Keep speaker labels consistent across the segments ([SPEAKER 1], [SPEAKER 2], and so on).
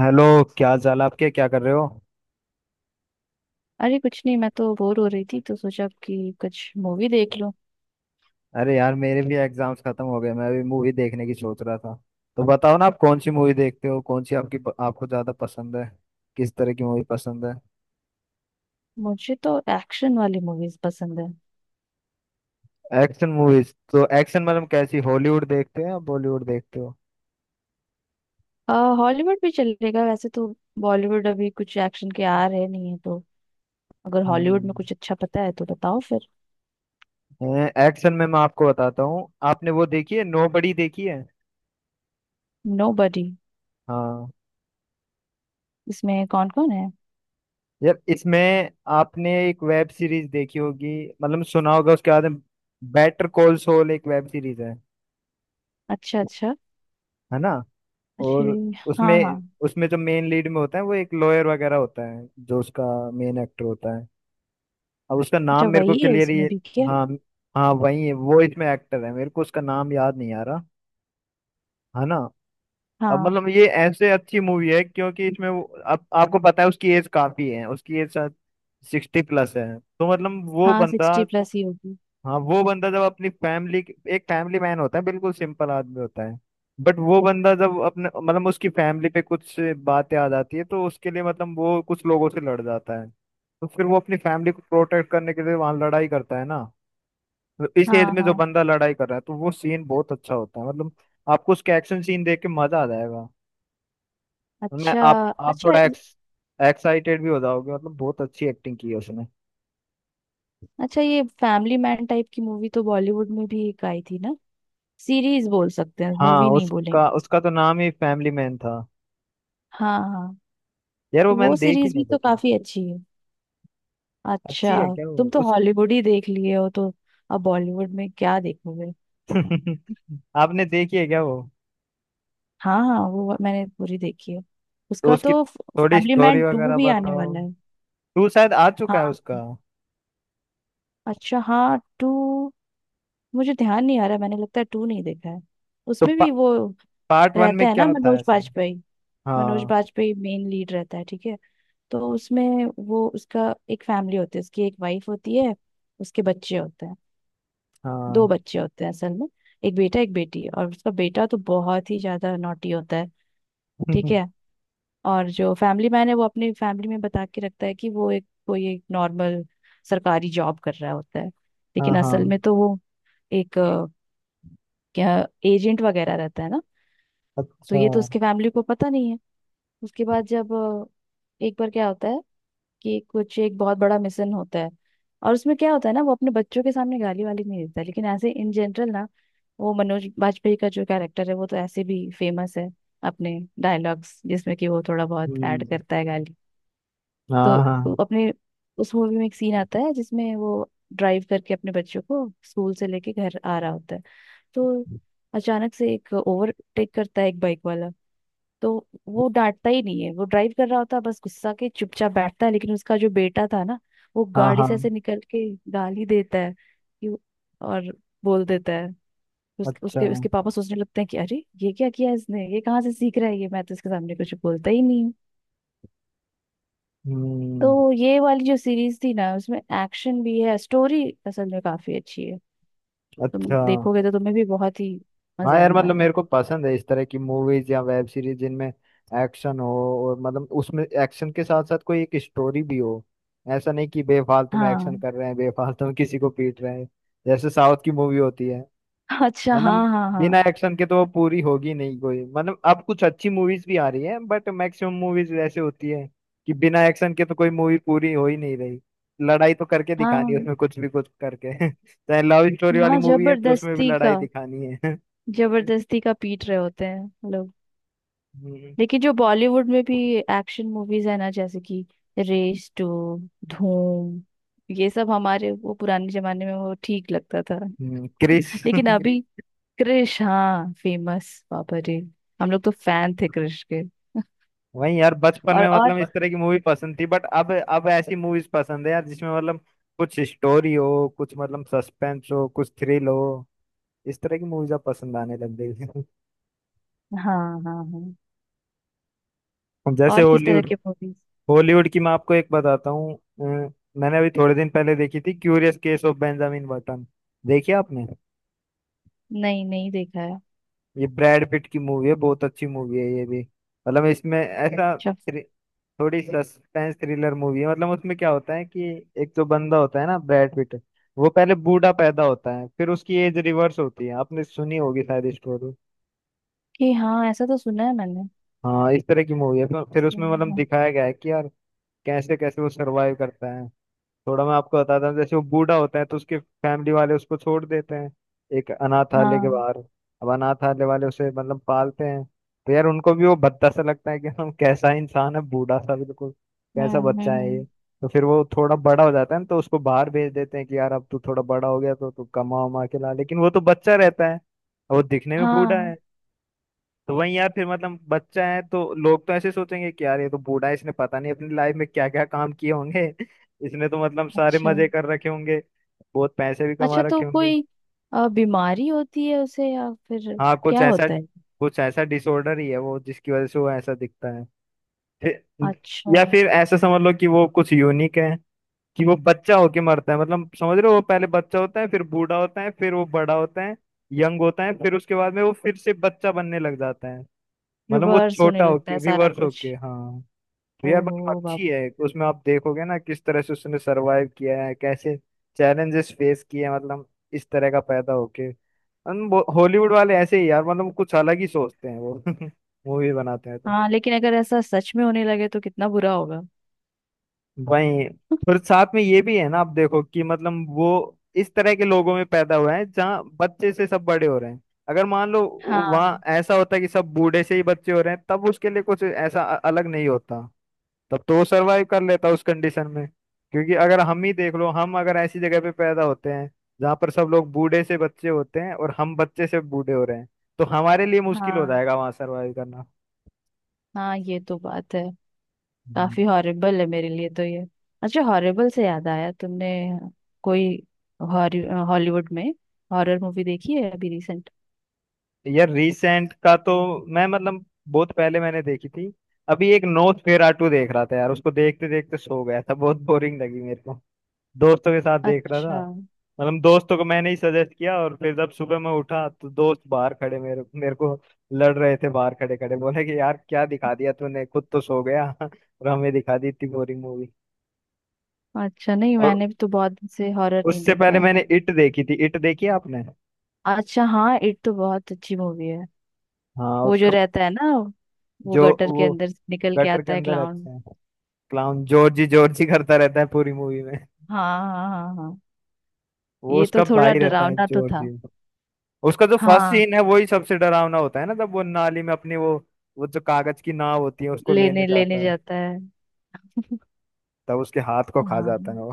[SPEAKER 1] Hello. क्या हाल चाल आपके, क्या कर रहे हो?
[SPEAKER 2] अरे कुछ नहीं, मैं तो बोर हो रही थी तो सोचा कि कुछ मूवी देख लूं।
[SPEAKER 1] अरे यार, मेरे भी एग्जाम्स खत्म हो गए, मैं भी मूवी देखने की सोच रहा था। तो बताओ ना, आप कौन सी मूवी देखते हो, कौन सी आपकी आपको ज्यादा पसंद है? किस तरह की मूवी पसंद है?
[SPEAKER 2] मुझे तो एक्शन वाली मूवीज पसंद है।
[SPEAKER 1] एक्शन मूवीज, तो एक्शन मतलब कैसी, हॉलीवुड देखते हो या बॉलीवुड देखते हो?
[SPEAKER 2] हॉलीवुड भी चलेगा वैसे तो। बॉलीवुड अभी कुछ एक्शन के आ रहे नहीं है तो अगर हॉलीवुड में
[SPEAKER 1] हम्म।
[SPEAKER 2] कुछ अच्छा पता है तो बताओ फिर।
[SPEAKER 1] एक्शन में मैं आपको बताता हूँ, आपने वो देखी है नोबडी देखी है?
[SPEAKER 2] नोबडी।
[SPEAKER 1] हाँ,
[SPEAKER 2] इसमें कौन कौन है?
[SPEAKER 1] यार इसमें आपने एक वेब सीरीज देखी होगी, मतलब सुना होगा उसके बाद में, बेटर कॉल सॉल एक वेब सीरीज है
[SPEAKER 2] अच्छा अच्छा।
[SPEAKER 1] है ना?
[SPEAKER 2] अच्छे।
[SPEAKER 1] और उसमें
[SPEAKER 2] हाँ हाँ।
[SPEAKER 1] उसमें जो मेन लीड में होता है वो एक लॉयर वगैरह होता है, जो उसका मेन एक्टर होता है, अब उसका
[SPEAKER 2] अच्छा,
[SPEAKER 1] नाम मेरे को
[SPEAKER 2] वही है
[SPEAKER 1] क्लियर ही।
[SPEAKER 2] इसमें भी क्या?
[SPEAKER 1] हाँ, हाँ वही है, वो इसमें एक्टर है, मेरे को उसका नाम याद नहीं आ रहा, है ना। अब
[SPEAKER 2] हाँ
[SPEAKER 1] मतलब ये ऐसे अच्छी मूवी है क्योंकि इसमें वो आप, आपको पता है उसकी एज काफी है, उसकी एज शायद 60 प्लस है, तो मतलब वो
[SPEAKER 2] हाँ,
[SPEAKER 1] बंदा,
[SPEAKER 2] सिक्सटी प्लस ही होगी।
[SPEAKER 1] हाँ वो बंदा जब अपनी फैमिली, एक फैमिली मैन होता है, बिल्कुल सिंपल आदमी होता है, बट वो बंदा जब अपने मतलब उसकी फैमिली पे कुछ बातें आ जाती है तो उसके लिए मतलब वो कुछ लोगों से लड़ जाता है, तो फिर वो अपनी फैमिली को प्रोटेक्ट करने के लिए वहां लड़ाई करता है ना। तो इस एज
[SPEAKER 2] हाँ
[SPEAKER 1] में जो
[SPEAKER 2] हाँ।
[SPEAKER 1] बंदा लड़ाई कर रहा है, तो वो सीन बहुत अच्छा होता है, मतलब आपको उसका एक्शन सीन देख के मजा आ जाएगा। मैं
[SPEAKER 2] अच्छा।
[SPEAKER 1] आप
[SPEAKER 2] अच्छा।
[SPEAKER 1] थोड़ा एक्स एक्साइटेड भी हो जाओगे, मतलब बहुत अच्छी एक्टिंग की है उसने।
[SPEAKER 2] अच्छा, ये फैमिली मैन टाइप की मूवी तो बॉलीवुड में भी एक आई थी ना। सीरीज बोल सकते हैं,
[SPEAKER 1] हाँ,
[SPEAKER 2] मूवी नहीं बोलेंगे।
[SPEAKER 1] उसका उसका तो नाम ही फैमिली मैन था।
[SPEAKER 2] हाँ हाँ।
[SPEAKER 1] यार वो
[SPEAKER 2] तो वो
[SPEAKER 1] मैंने देखी
[SPEAKER 2] सीरीज
[SPEAKER 1] नहीं
[SPEAKER 2] भी तो
[SPEAKER 1] लेकिन
[SPEAKER 2] काफी अच्छी है।
[SPEAKER 1] अच्छी
[SPEAKER 2] अच्छा।
[SPEAKER 1] है क्या वो,
[SPEAKER 2] तुम तो
[SPEAKER 1] उस
[SPEAKER 2] हॉलीवुड ही देख लिए हो तो अब बॉलीवुड में क्या देखोगे?
[SPEAKER 1] आपने देखी है क्या वो?
[SPEAKER 2] हाँ हाँ, वो मैंने पूरी देखी है।
[SPEAKER 1] तो
[SPEAKER 2] उसका
[SPEAKER 1] उसकी
[SPEAKER 2] तो
[SPEAKER 1] थोड़ी
[SPEAKER 2] फैमिली
[SPEAKER 1] स्टोरी
[SPEAKER 2] मैन टू
[SPEAKER 1] वगैरह
[SPEAKER 2] भी आने
[SPEAKER 1] बताओ।
[SPEAKER 2] वाला है।
[SPEAKER 1] टू शायद आ चुका है
[SPEAKER 2] हाँ।
[SPEAKER 1] उसका।
[SPEAKER 2] अच्छा, हाँ टू। मुझे ध्यान नहीं आ रहा, मैंने लगता है टू नहीं देखा है।
[SPEAKER 1] तो
[SPEAKER 2] उसमें
[SPEAKER 1] पा,
[SPEAKER 2] भी वो
[SPEAKER 1] पार्ट वन में
[SPEAKER 2] रहता है
[SPEAKER 1] क्या
[SPEAKER 2] ना,
[SPEAKER 1] होता है
[SPEAKER 2] मनोज
[SPEAKER 1] सर?
[SPEAKER 2] बाजपेयी। मनोज
[SPEAKER 1] हाँ।
[SPEAKER 2] बाजपेयी मेन लीड रहता है, ठीक है। तो उसमें वो, उसका एक फैमिली होती है, उसकी एक वाइफ होती है, उसके बच्चे होते हैं। दो
[SPEAKER 1] हाँ।
[SPEAKER 2] बच्चे होते हैं असल में। एक बेटा एक बेटी, और उसका बेटा तो बहुत ही ज्यादा नॉटी होता है। ठीक है। और जो फैमिली मैन है वो अपनी फैमिली में बता के रखता है कि वो एक, कोई एक नॉर्मल सरकारी जॉब कर रहा होता है,
[SPEAKER 1] हाँ,
[SPEAKER 2] लेकिन
[SPEAKER 1] हाँ।
[SPEAKER 2] असल में तो वो एक क्या, एजेंट वगैरह रहता है ना। तो
[SPEAKER 1] अच्छा।
[SPEAKER 2] ये तो उसके फैमिली को पता नहीं है। उसके बाद जब एक बार क्या होता है कि कुछ एक बहुत बड़ा मिशन होता है। और उसमें क्या होता है ना, वो अपने बच्चों के सामने गाली वाली नहीं देता, लेकिन ऐसे इन जनरल ना, वो मनोज बाजपेयी का जो कैरेक्टर है वो तो ऐसे भी फेमस है अपने डायलॉग्स, जिसमें कि वो थोड़ा बहुत ऐड
[SPEAKER 1] हम्म।
[SPEAKER 2] करता है गाली।
[SPEAKER 1] हाँ,
[SPEAKER 2] तो
[SPEAKER 1] हाँ,
[SPEAKER 2] वो अपने उस मूवी में एक सीन आता है जिसमें वो ड्राइव करके अपने बच्चों को स्कूल से लेके घर आ रहा होता है। तो अचानक से एक ओवरटेक करता है, एक बाइक वाला। तो वो डांटता ही नहीं है, वो ड्राइव कर रहा होता है बस, गुस्सा के चुपचाप बैठता है, लेकिन उसका जो बेटा था ना वो
[SPEAKER 1] हाँ,
[SPEAKER 2] गाड़ी
[SPEAKER 1] हाँ।
[SPEAKER 2] से ऐसे निकल के गाली देता है कि, और बोल देता है। उस,
[SPEAKER 1] अच्छा।
[SPEAKER 2] उसके उसके पापा सोचने लगते हैं कि अरे ये क्या किया इसने, ये कहाँ से सीख रहा है ये, मैं तो इसके सामने कुछ बोलता ही नहीं हूँ।
[SPEAKER 1] हम्म।
[SPEAKER 2] तो ये वाली जो सीरीज थी ना उसमें एक्शन भी है, स्टोरी असल में काफी अच्छी है। तुम
[SPEAKER 1] अच्छा।
[SPEAKER 2] देखोगे तो तुम्हें भी बहुत ही
[SPEAKER 1] हाँ
[SPEAKER 2] मजा
[SPEAKER 1] यार,
[SPEAKER 2] आने
[SPEAKER 1] मतलब
[SPEAKER 2] वाला है।
[SPEAKER 1] मेरे को पसंद है इस तरह की मूवीज या वेब सीरीज जिनमें एक्शन हो, और मतलब उसमें एक्शन के साथ साथ कोई एक स्टोरी भी हो। ऐसा नहीं कि बेफालतू में एक्शन
[SPEAKER 2] हाँ।
[SPEAKER 1] कर रहे हैं, बेफालतू में किसी को पीट रहे हैं, जैसे साउथ की मूवी होती है।
[SPEAKER 2] अच्छा। हाँ
[SPEAKER 1] मतलब
[SPEAKER 2] हाँ
[SPEAKER 1] बिना
[SPEAKER 2] हाँ
[SPEAKER 1] एक्शन के तो वो पूरी होगी नहीं, कोई मतलब अब कुछ अच्छी मूवीज भी आ रही है, बट मैक्सिमम मूवीज ऐसे होती है कि बिना एक्शन के तो कोई मूवी पूरी हो ही नहीं रही। लड़ाई तो करके दिखानी है,
[SPEAKER 2] हाँ।
[SPEAKER 1] उसमें कुछ भी कुछ करके चाहे लव स्टोरी वाली
[SPEAKER 2] हाँ
[SPEAKER 1] मूवी है तो उसमें भी
[SPEAKER 2] जबरदस्ती
[SPEAKER 1] लड़ाई
[SPEAKER 2] का,
[SPEAKER 1] दिखानी है
[SPEAKER 2] जबरदस्ती का पीट रहे होते हैं लोग।
[SPEAKER 1] हम्म।
[SPEAKER 2] लेकिन जो बॉलीवुड में भी एक्शन मूवीज है ना, जैसे कि रेस टू, धूम, ये सब हमारे वो पुराने जमाने में वो ठीक लगता था।
[SPEAKER 1] क्रिश
[SPEAKER 2] लेकिन अभी क्रिश, हाँ फेमस, बाबा रे। हम लोग तो फैन थे क्रिश के।
[SPEAKER 1] वही यार, बचपन
[SPEAKER 2] और
[SPEAKER 1] में
[SPEAKER 2] और
[SPEAKER 1] मतलब इस तरह की मूवी पसंद थी, बट अब ऐसी मूवीज पसंद है यार जिसमें मतलब कुछ स्टोरी हो, कुछ मतलब सस्पेंस हो, कुछ थ्रिल हो। इस तरह की मूवीज अब पसंद आने लग गई हैं।
[SPEAKER 2] हाँ हाँ हाँ।
[SPEAKER 1] जैसे
[SPEAKER 2] और किस तरह
[SPEAKER 1] हॉलीवुड,
[SPEAKER 2] के मूवीज?
[SPEAKER 1] हॉलीवुड की मैं आपको एक बताता हूँ मैंने अभी थोड़े दिन पहले देखी थी, curious case of Benjamin Button, देखी आपने?
[SPEAKER 2] नहीं, नहीं देखा है।
[SPEAKER 1] ये ब्रैड पिट की मूवी है, बहुत अच्छी मूवी है ये भी। मतलब इसमें ऐसा
[SPEAKER 2] अच्छा,
[SPEAKER 1] थ्रि- थोड़ी सस्पेंस थ्रिलर मूवी है। मतलब उसमें क्या होता है कि एक जो बंदा होता है ना ब्रैड पिट, वो पहले बूढ़ा पैदा होता है, फिर उसकी एज रिवर्स होती है। आपने सुनी होगी शायद स्टोरी।
[SPEAKER 2] कि हाँ, ऐसा तो सुना है मैंने।
[SPEAKER 1] हाँ इस तरह की मूवी है। फिर उसमें मतलब
[SPEAKER 2] सुना है।
[SPEAKER 1] दिखाया गया है कि यार कैसे कैसे वो सरवाइव करता है। थोड़ा मैं आपको बताता हूँ, जैसे वो बूढ़ा होता है तो उसके फैमिली वाले उसको छोड़ देते हैं, एक अनाथालय के
[SPEAKER 2] हाँ।
[SPEAKER 1] बाहर। अब अनाथालय वाले उसे मतलब पालते हैं, तो यार उनको भी वो भद्दा सा लगता है कि हम, कैसा इंसान है बूढ़ा सा बिल्कुल,
[SPEAKER 2] हम्म
[SPEAKER 1] कैसा
[SPEAKER 2] हम्म
[SPEAKER 1] बच्चा है ये।
[SPEAKER 2] हम्म।
[SPEAKER 1] तो फिर वो थोड़ा बड़ा हो जाता है ना, तो उसको बाहर भेज देते हैं कि यार अब तू थोड़ा बड़ा हो गया तो तू कमा उमा के ला, लेकिन वो तो बच्चा रहता है और वो दिखने में बूढ़ा
[SPEAKER 2] हाँ।
[SPEAKER 1] है। तो वही यार फिर, मतलब बच्चा है तो लोग तो ऐसे सोचेंगे कि यार ये तो बूढ़ा है, इसने पता नहीं अपनी लाइफ में क्या क्या काम किए होंगे इसने तो मतलब सारे
[SPEAKER 2] अच्छा।
[SPEAKER 1] मजे कर रखे होंगे, बहुत पैसे भी कमा
[SPEAKER 2] अच्छा तो
[SPEAKER 1] रखे होंगे।
[SPEAKER 2] कोई बीमारी होती है उसे, या फिर
[SPEAKER 1] हाँ कुछ
[SPEAKER 2] क्या
[SPEAKER 1] ऐसा,
[SPEAKER 2] होता है?
[SPEAKER 1] कुछ ऐसा डिसऑर्डर ही है वो, जिसकी वजह से वो ऐसा दिखता है। फिर
[SPEAKER 2] अच्छा।
[SPEAKER 1] या फिर ऐसा समझ लो कि वो कुछ यूनिक है, कि वो बच्चा होके मरता है। मतलब समझ रहे हो, वो पहले बच्चा होता है, फिर बूढ़ा होता है, फिर वो बड़ा होता है, यंग होता है, फिर उसके बाद में वो फिर से बच्चा बनने लग जाता है। मतलब वो
[SPEAKER 2] रिवर्स होने
[SPEAKER 1] छोटा
[SPEAKER 2] लगता है
[SPEAKER 1] होके
[SPEAKER 2] सारा
[SPEAKER 1] रिवर्स
[SPEAKER 2] कुछ।
[SPEAKER 1] होके, हाँ। रियर
[SPEAKER 2] ओहो
[SPEAKER 1] मतलब अच्छी
[SPEAKER 2] बाबू।
[SPEAKER 1] है, उसमें आप देखोगे ना किस तरह से उसने सरवाइव किया है, कैसे चैलेंजेस फेस किए हैं, मतलब इस तरह का पैदा होके। हॉलीवुड वाले ऐसे ही यार मतलब कुछ अलग ही सोचते हैं वो मूवी बनाते हैं तो।
[SPEAKER 2] हाँ लेकिन अगर ऐसा सच में होने लगे तो कितना बुरा होगा।
[SPEAKER 1] वही फिर साथ में ये भी है ना, आप देखो कि मतलब वो इस तरह के लोगों में पैदा हुए हैं जहाँ बच्चे से सब बड़े हो रहे हैं। अगर मान लो वहाँ
[SPEAKER 2] हाँ
[SPEAKER 1] ऐसा होता है कि सब बूढ़े से ही बच्चे हो रहे हैं, तब उसके लिए कुछ ऐसा अ- अलग नहीं होता, तब तो वो सरवाइव कर लेता उस कंडीशन में। क्योंकि अगर हम ही देख लो, हम अगर ऐसी जगह पे पैदा होते हैं जहाँ पर सब लोग बूढ़े से बच्चे होते हैं और हम बच्चे से बूढ़े हो रहे हैं, तो हमारे लिए मुश्किल हो
[SPEAKER 2] हाँ
[SPEAKER 1] जाएगा वहां सरवाइव करना।
[SPEAKER 2] हाँ, ये तो बात है।
[SPEAKER 1] हम्म।
[SPEAKER 2] काफी हॉरिबल है मेरे लिए तो ये। अच्छा, हॉरिबल से याद आया, तुमने कोई हॉलीवुड में हॉरर मूवी देखी है अभी रिसेंट?
[SPEAKER 1] यार रिसेंट का तो, मैं मतलब बहुत पहले मैंने देखी थी। अभी एक नोस्फेरातु देख रहा था यार, उसको देखते देखते सो गया था, बहुत बोरिंग लगी मेरे को। दोस्तों के साथ देख रहा था,
[SPEAKER 2] अच्छा।
[SPEAKER 1] मतलब दोस्तों को मैंने ही सजेस्ट किया, और फिर जब सुबह मैं उठा तो दोस्त बाहर खड़े मेरे मेरे को लड़ रहे थे, बाहर खड़े खड़े बोले कि यार क्या दिखा दिया तूने, खुद तो सो गया और हमें दिखा दी इतनी बोरिंग मूवी।
[SPEAKER 2] अच्छा, नहीं
[SPEAKER 1] और
[SPEAKER 2] मैंने तो बहुत दिन से हॉरर नहीं
[SPEAKER 1] उससे
[SPEAKER 2] देखा
[SPEAKER 1] पहले
[SPEAKER 2] है।
[SPEAKER 1] मैंने इट देखी थी, इट देखी है आपने?
[SPEAKER 2] अच्छा हाँ, इट तो बहुत अच्छी मूवी है।
[SPEAKER 1] हाँ
[SPEAKER 2] वो जो
[SPEAKER 1] उसका,
[SPEAKER 2] रहता है ना, वो
[SPEAKER 1] जो
[SPEAKER 2] गटर के
[SPEAKER 1] वो
[SPEAKER 2] अंदर से निकल के
[SPEAKER 1] गटर के
[SPEAKER 2] आता है,
[SPEAKER 1] अंदर
[SPEAKER 2] क्लाउन।
[SPEAKER 1] रहता है, क्लाउन, जॉर्जी जॉर्जी करता रहता है पूरी मूवी में।
[SPEAKER 2] हाँ हाँ हाँ हाँ।
[SPEAKER 1] वो
[SPEAKER 2] ये तो
[SPEAKER 1] उसका भाई
[SPEAKER 2] थोड़ा
[SPEAKER 1] रहता है
[SPEAKER 2] डरावना तो
[SPEAKER 1] जॉर्जी।
[SPEAKER 2] था।
[SPEAKER 1] उसका जो फर्स्ट
[SPEAKER 2] हाँ।
[SPEAKER 1] सीन है वही सबसे डरावना होता है ना, तब वो नाली में अपनी वो जो कागज की नाव होती है उसको लेने
[SPEAKER 2] लेने लेने
[SPEAKER 1] जाता है,
[SPEAKER 2] जाता है।
[SPEAKER 1] तब उसके हाथ को खा
[SPEAKER 2] हाँ
[SPEAKER 1] जाता है वो।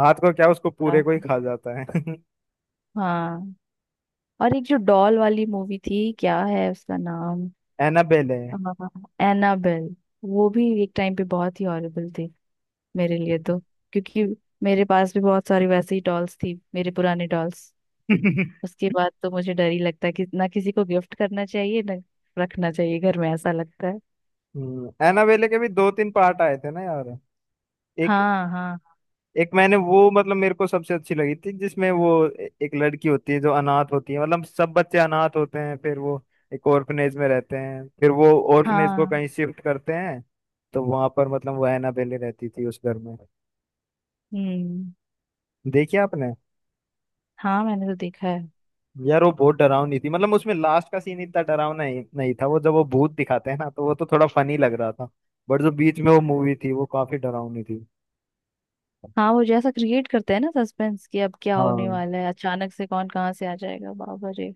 [SPEAKER 1] हाथ को क्या, उसको पूरे
[SPEAKER 2] हाँ
[SPEAKER 1] को ही खा जाता है
[SPEAKER 2] हाँ। और एक जो डॉल वाली मूवी थी, क्या है उसका नाम?
[SPEAKER 1] एनाबेले।
[SPEAKER 2] एनाबेल। वो भी एक टाइम पे बहुत ही हॉरिबल थी, मेरे लिए तो, क्योंकि मेरे पास भी बहुत सारी वैसी डॉल्स थी, मेरे पुराने डॉल्स। उसके बाद तो मुझे डर ही लगता है कि ना किसी को गिफ्ट करना चाहिए, ना रखना चाहिए घर में, ऐसा लगता है।
[SPEAKER 1] एनाबेले के भी दो तीन पार्ट आए थे ना यार। एक,
[SPEAKER 2] हाँ हाँ
[SPEAKER 1] एक मैंने वो मतलब मेरे को सबसे अच्छी लगी थी, जिसमें वो ए- एक लड़की होती है जो अनाथ होती है, मतलब सब बच्चे अनाथ होते हैं, फिर वो एक ऑर्फनेज में रहते हैं, फिर वो ऑर्फनेज को
[SPEAKER 2] हाँ।
[SPEAKER 1] कहीं शिफ्ट करते हैं। तो वहां पर मतलब वो एनाबेले रहती थी उस घर में।
[SPEAKER 2] हम्म।
[SPEAKER 1] देखिए आपने?
[SPEAKER 2] हाँ, मैंने तो देखा है।
[SPEAKER 1] यार वो बहुत डरावनी थी, मतलब उसमें लास्ट का सीन इतना डरावना ही नहीं था, वो जब वो भूत दिखाते हैं ना तो वो तो थोड़ा फनी लग रहा था, बट जो बीच में वो मूवी थी वो काफी डरावनी थी।
[SPEAKER 2] हाँ वो जैसा क्रिएट करते हैं ना सस्पेंस, कि अब क्या होने
[SPEAKER 1] हाँ।
[SPEAKER 2] वाला है, अचानक से कौन कहाँ से आ जाएगा, बाबा रे।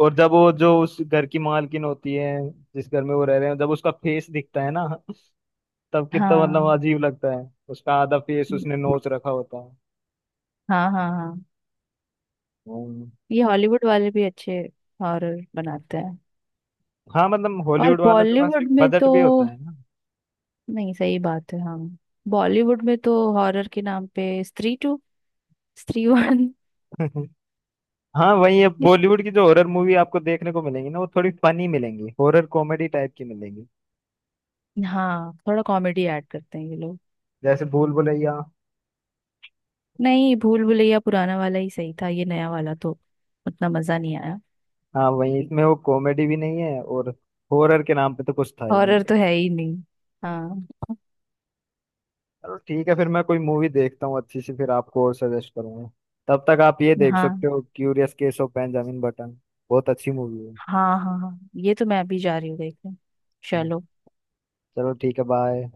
[SPEAKER 1] और जब वो जो उस घर की मालकिन होती है, जिस घर में वो रह रहे हैं, जब उसका फेस दिखता है ना, तब कितना मतलब
[SPEAKER 2] हाँ।
[SPEAKER 1] अजीब लगता है। उसका आधा फेस उसने
[SPEAKER 2] हम्म।
[SPEAKER 1] नोच रखा होता है।
[SPEAKER 2] हाँ हाँ हाँ।
[SPEAKER 1] हम्म।
[SPEAKER 2] ये हॉलीवुड वाले भी अच्छे हॉरर बनाते हैं।
[SPEAKER 1] हाँ मतलब
[SPEAKER 2] और
[SPEAKER 1] हॉलीवुड वालों के पास
[SPEAKER 2] बॉलीवुड में
[SPEAKER 1] बजट
[SPEAKER 2] तो,
[SPEAKER 1] भी होता है ना।
[SPEAKER 2] नहीं सही बात है, हाँ। बॉलीवुड में तो हॉरर के नाम पे स्त्री टू, स्त्री वन।
[SPEAKER 1] हाँ वही है, बॉलीवुड की जो हॉरर मूवी आपको देखने को मिलेंगी ना, वो थोड़ी फनी मिलेंगी, हॉरर कॉमेडी टाइप की मिलेंगी,
[SPEAKER 2] हाँ, थोड़ा कॉमेडी ऐड करते हैं ये लोग।
[SPEAKER 1] जैसे भूल भुलैया।
[SPEAKER 2] नहीं, भूल भुलैया पुराना वाला ही सही था, ये नया वाला तो उतना मजा नहीं आया।
[SPEAKER 1] हाँ वही, इसमें वो कॉमेडी भी नहीं है और हॉरर के नाम पे तो कुछ था ही।
[SPEAKER 2] हॉरर तो है ही नहीं। हाँ
[SPEAKER 1] चलो ठीक है, फिर मैं कोई मूवी देखता हूँ अच्छी सी, फिर आपको और सजेस्ट करूंगा। तब तक आप ये देख सकते
[SPEAKER 2] हाँ
[SPEAKER 1] हो, curious case of Benjamin Button, बहुत अच्छी मूवी है।
[SPEAKER 2] हाँ हाँ हाँ, ये तो मैं अभी जा रही हूँ देखने। चलो।
[SPEAKER 1] चलो ठीक है, बाय।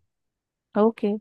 [SPEAKER 2] ओके।